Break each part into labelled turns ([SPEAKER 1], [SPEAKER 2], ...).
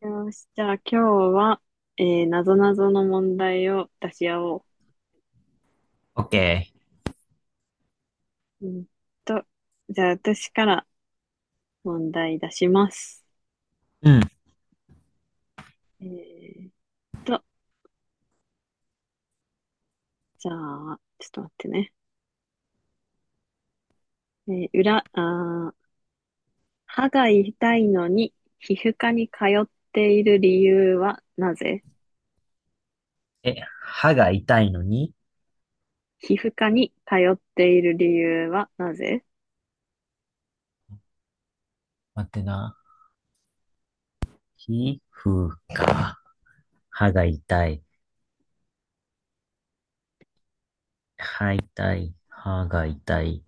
[SPEAKER 1] よし、じゃあ今日は、なぞなぞの問題を出し合お
[SPEAKER 2] オッケ
[SPEAKER 1] う。うんと、じゃあ私から問題出します。
[SPEAKER 2] ー。うん。
[SPEAKER 1] えーっと、じゃあ、ちょっと待ってね。えー裏、あー、歯が痛いのに皮膚科に通っている理由はなぜ？
[SPEAKER 2] え、歯が痛いのに
[SPEAKER 1] 皮膚科に通っている理由はなぜ？
[SPEAKER 2] 待ってな。皮膚か。歯が痛い。歯痛い。歯が痛い。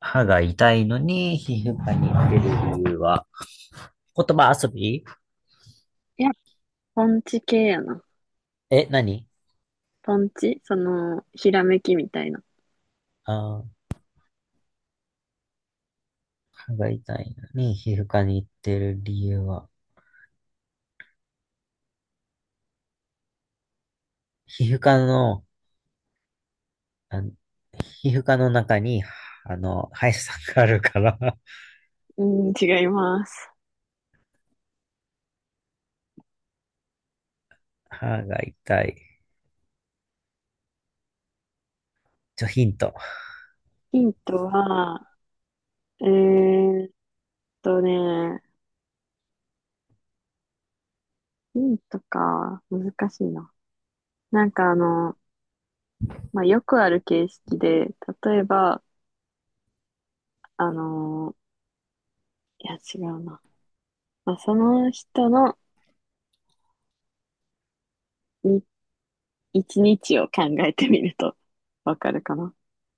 [SPEAKER 2] 歯が痛いのに皮膚科に行ってる理由は、言葉遊び。
[SPEAKER 1] いや、ポンチ系やな。
[SPEAKER 2] え、何？
[SPEAKER 1] ポンチその、ひらめきみたいな。
[SPEAKER 2] あー、歯が痛いのに皮膚科に行ってる理由は、皮膚科の、あの皮膚科の中に、歯医者さんがあるから、
[SPEAKER 1] うん、違います。
[SPEAKER 2] 歯が痛い。ちょ、ヒント。
[SPEAKER 1] ヒントは、えーっとね、ヒントか、難しいな。なんかまあ、よくある形式で、例えば、あの、いや違うな。まあ、その人のに一日を考えてみるとわかるかな。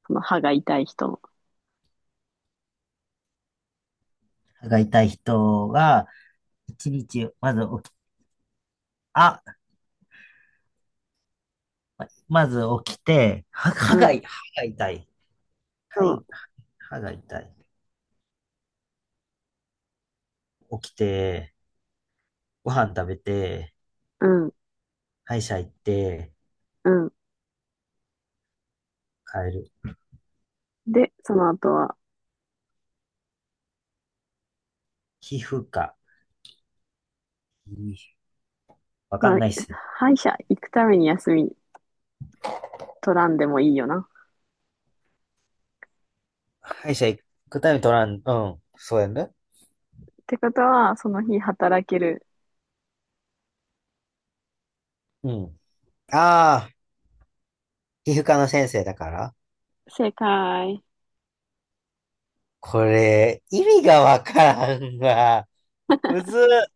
[SPEAKER 1] その歯が痛い人の。
[SPEAKER 2] 歯が痛い人が、一日、まず起き、あ、まず起きて、は
[SPEAKER 1] う
[SPEAKER 2] 歯が、歯
[SPEAKER 1] ん、
[SPEAKER 2] が痛い。
[SPEAKER 1] そ
[SPEAKER 2] は
[SPEAKER 1] う、
[SPEAKER 2] い、歯が痛い。起きて、ご飯食べて、
[SPEAKER 1] うん、
[SPEAKER 2] 歯医者行って、
[SPEAKER 1] うん。
[SPEAKER 2] 帰る。
[SPEAKER 1] で、その後は、
[SPEAKER 2] 皮膚科。皮わか
[SPEAKER 1] ま
[SPEAKER 2] ん
[SPEAKER 1] あ、
[SPEAKER 2] ないっすね。
[SPEAKER 1] 歯医者行くために休み取らんでもいいよな。
[SPEAKER 2] 歯医者行くために取らん、うん、そうやね。
[SPEAKER 1] ってことは、その日働ける。
[SPEAKER 2] うん。ああ、皮膚科の先生だから。
[SPEAKER 1] 正解。
[SPEAKER 2] これ、意味がわからんわ。むずっ。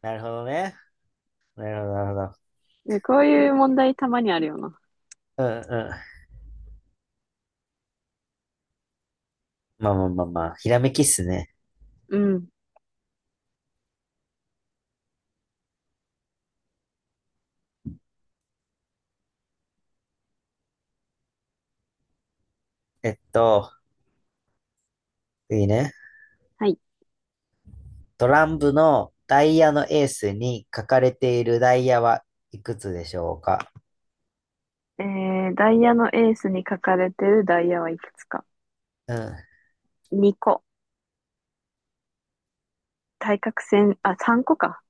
[SPEAKER 2] なるほどね。なるほど、なるほ
[SPEAKER 1] で、こういう問題たまにあるよな。
[SPEAKER 2] ど。うん、うん。まあまあまあまあ、ひらめきっすね。
[SPEAKER 1] うん。
[SPEAKER 2] えっと、次ね。
[SPEAKER 1] はい。
[SPEAKER 2] トランプのダイヤのエースに書かれているダイヤはいくつでしょうか？
[SPEAKER 1] ダイヤのエースに書かれてるダイヤはいくつか？
[SPEAKER 2] うん。
[SPEAKER 1] 2 個。対角線、あ、3個か。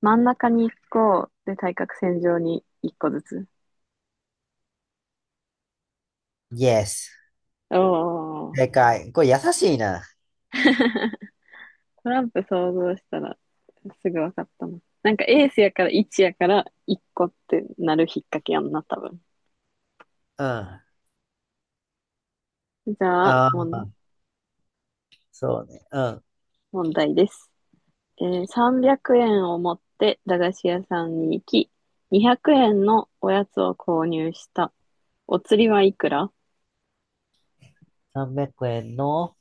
[SPEAKER 1] 真ん中に1個、で、対角線上に1個ずつ。
[SPEAKER 2] Yes。
[SPEAKER 1] おー。
[SPEAKER 2] 正解。これ優しいな。
[SPEAKER 1] トランプ想像したらすぐ分かったな。なんかエースやから1やから1個ってなる引っ掛けやんな、多分。
[SPEAKER 2] うん。あ
[SPEAKER 1] じゃあ、
[SPEAKER 2] あ、
[SPEAKER 1] もん
[SPEAKER 2] そうね。うん。
[SPEAKER 1] 問題です。300円を持って駄菓子屋さんに行き、200円のおやつを購入した。お釣りはいくら？
[SPEAKER 2] 300円の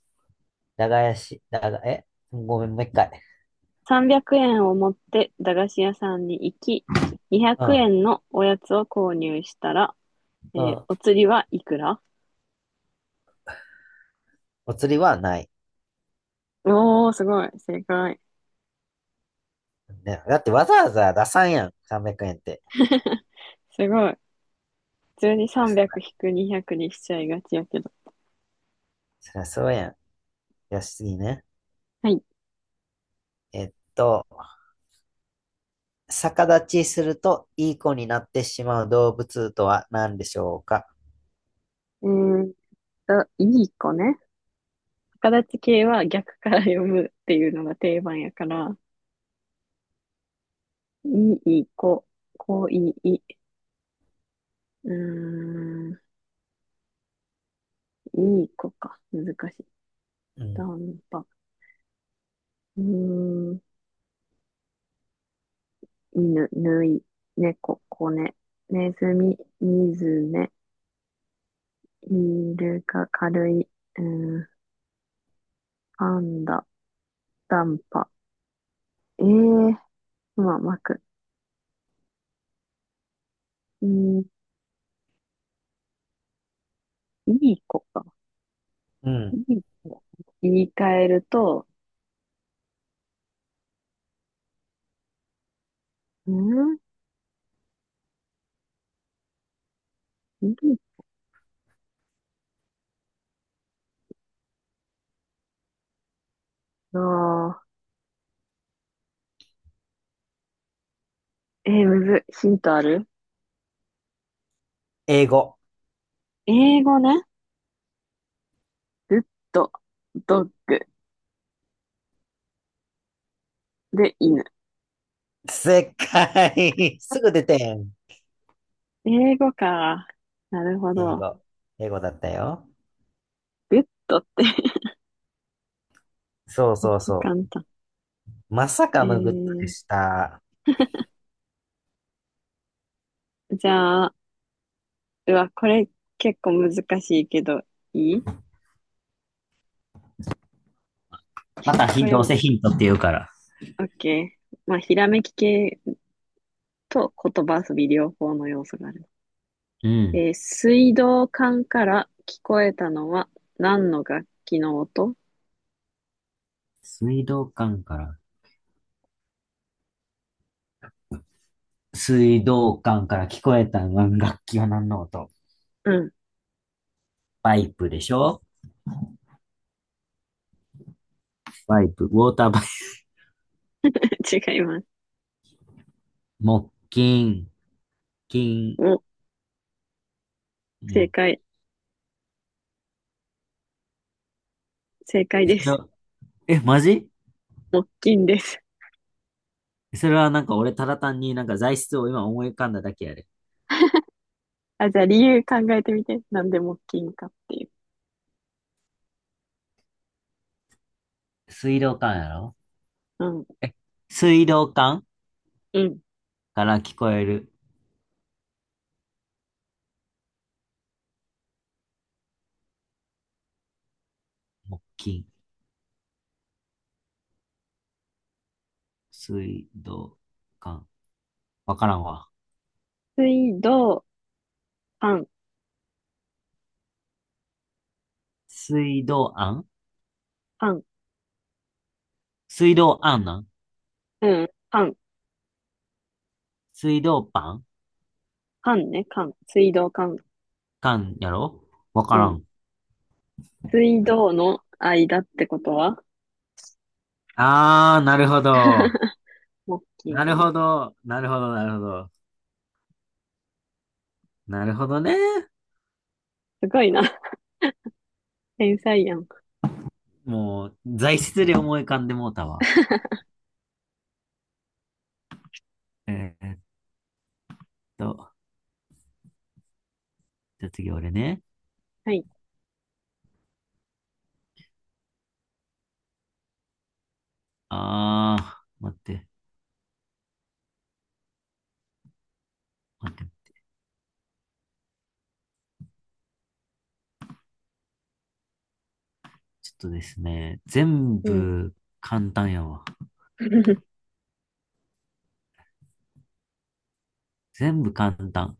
[SPEAKER 2] 長屋し、長、え、ごめん、もう一回。
[SPEAKER 1] 300 円を持って駄菓子屋さんに行き、200
[SPEAKER 2] うん。
[SPEAKER 1] 円のおやつを購入したら、
[SPEAKER 2] うん。
[SPEAKER 1] お釣りはいくら？
[SPEAKER 2] お釣りはない。
[SPEAKER 1] おー、すごい。正解。
[SPEAKER 2] ね、だってわざわざ出さんやん。300円って。
[SPEAKER 1] すごい。普通に300引く200にひゃくにしちゃいがちやけど。
[SPEAKER 2] そりゃそうやん。よしいね。
[SPEAKER 1] はい。
[SPEAKER 2] えっと、逆立ちするといい子になってしまう動物とは何でしょうか？
[SPEAKER 1] えーっいい子ね。逆立ち系は逆から読むっていうのが定番やから、いい子、こいい、うーん、いい子か。難しい。
[SPEAKER 2] う
[SPEAKER 1] ダ
[SPEAKER 2] ん。
[SPEAKER 1] ンパ。うーん、犬、ぬい、猫、子ね、ネズミ、ミズメ、イルカ、軽い、うん、パンダ、ダンパ、えー、まあ、まく、うん、いい子か。
[SPEAKER 2] う
[SPEAKER 1] い
[SPEAKER 2] ん。
[SPEAKER 1] い子。言い換えると、うんいいなぁむずい。ヒントある？
[SPEAKER 2] 英語。
[SPEAKER 1] 英語ね。グッド、ドッグで犬。
[SPEAKER 2] 正解。すぐ出てん。
[SPEAKER 1] 英語か。なるほ
[SPEAKER 2] 英
[SPEAKER 1] ど。
[SPEAKER 2] 語。英語だったよ。
[SPEAKER 1] グッドって
[SPEAKER 2] そう
[SPEAKER 1] めっ
[SPEAKER 2] そう
[SPEAKER 1] ちゃ
[SPEAKER 2] そ
[SPEAKER 1] 簡単。
[SPEAKER 2] う。まさ
[SPEAKER 1] え
[SPEAKER 2] かのグッドで
[SPEAKER 1] ー、
[SPEAKER 2] した。
[SPEAKER 1] じゃあ、うわ、これ結構難しいけど、いい
[SPEAKER 2] また
[SPEAKER 1] こ
[SPEAKER 2] ひ、
[SPEAKER 1] れ
[SPEAKER 2] どう
[SPEAKER 1] も、
[SPEAKER 2] せヒントって言うから。
[SPEAKER 1] OK。まあ、ひらめき系と言葉遊び両方の要素がある。
[SPEAKER 2] うん。
[SPEAKER 1] 水道管から聞こえたのは何の楽器の音？
[SPEAKER 2] 水道管から、水道管から聞こえた楽器は何の音？
[SPEAKER 1] うん、
[SPEAKER 2] パイプでしょ。パイプ、ウォーターパイプ、
[SPEAKER 1] 違います。
[SPEAKER 2] 木琴、金、
[SPEAKER 1] お、正
[SPEAKER 2] 木、
[SPEAKER 1] 解、正解です。
[SPEAKER 2] え、マジ？
[SPEAKER 1] 木琴です。
[SPEAKER 2] それはなんか俺ただ単になんか材質を今思い浮かんだだけやで。
[SPEAKER 1] あ、じゃあ理由考えてみて。なんで木琴かっていう。
[SPEAKER 2] 水道管やろ。
[SPEAKER 1] うん、
[SPEAKER 2] え、水道管
[SPEAKER 1] うん。
[SPEAKER 2] から聞こえる木琴。水道管。わからんわ。
[SPEAKER 1] 水道管、
[SPEAKER 2] 水道案
[SPEAKER 1] 管、
[SPEAKER 2] 水道案なん
[SPEAKER 1] うん、管、
[SPEAKER 2] 水道パン
[SPEAKER 1] 管ね、管。水道管。
[SPEAKER 2] 管やろわか
[SPEAKER 1] う
[SPEAKER 2] ら
[SPEAKER 1] ん。
[SPEAKER 2] ん。
[SPEAKER 1] 水道の間ってことは
[SPEAKER 2] あー、なるほど。
[SPEAKER 1] モッキ
[SPEAKER 2] なる
[SPEAKER 1] ー。
[SPEAKER 2] ほど。なるほど、なるほど。なるほどね。
[SPEAKER 1] すごいな。天才やん。
[SPEAKER 2] もう、材質で思い浮かんでもうたわ。えーっと、じゃあ次俺ね。
[SPEAKER 1] はい。
[SPEAKER 2] あー、待って。待って、ちょっとですね、全
[SPEAKER 1] うん。
[SPEAKER 2] 部簡単やわ。全部簡単。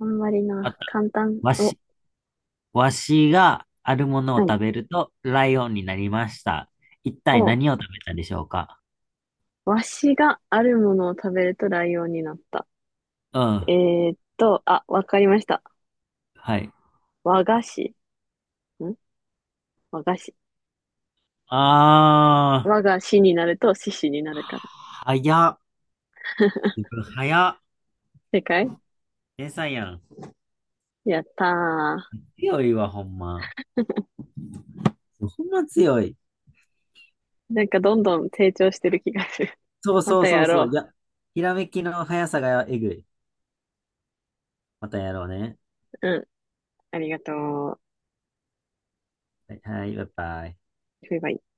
[SPEAKER 1] あんまり
[SPEAKER 2] あっ
[SPEAKER 1] な。
[SPEAKER 2] た。
[SPEAKER 1] 簡単。
[SPEAKER 2] わ
[SPEAKER 1] お、
[SPEAKER 2] し、わしがあるものを
[SPEAKER 1] はい。
[SPEAKER 2] 食べるとライオンになりました。一体
[SPEAKER 1] お、
[SPEAKER 2] 何を食べたでしょうか？
[SPEAKER 1] わしがあるものを食べるとライオンになった。
[SPEAKER 2] う
[SPEAKER 1] え
[SPEAKER 2] ん。
[SPEAKER 1] あ、わかりました。
[SPEAKER 2] はい。
[SPEAKER 1] 和菓子。ん和菓子。
[SPEAKER 2] あー、
[SPEAKER 1] 和が子になると獅子になるから。
[SPEAKER 2] 早っ。自分早っ。
[SPEAKER 1] 正解
[SPEAKER 2] 天才やん。
[SPEAKER 1] やったー。
[SPEAKER 2] 強いわ、ほんま。ほんま強い。
[SPEAKER 1] なんかどんどん成長してる気がする。
[SPEAKER 2] そう
[SPEAKER 1] ま
[SPEAKER 2] そ
[SPEAKER 1] た
[SPEAKER 2] うそ
[SPEAKER 1] や
[SPEAKER 2] うそう。い
[SPEAKER 1] ろ
[SPEAKER 2] や、ひらめきの速さがえぐい。またやろうね。
[SPEAKER 1] う。うん。ありがとう。
[SPEAKER 2] はい、はい、バイバイ。
[SPEAKER 1] バイバイ。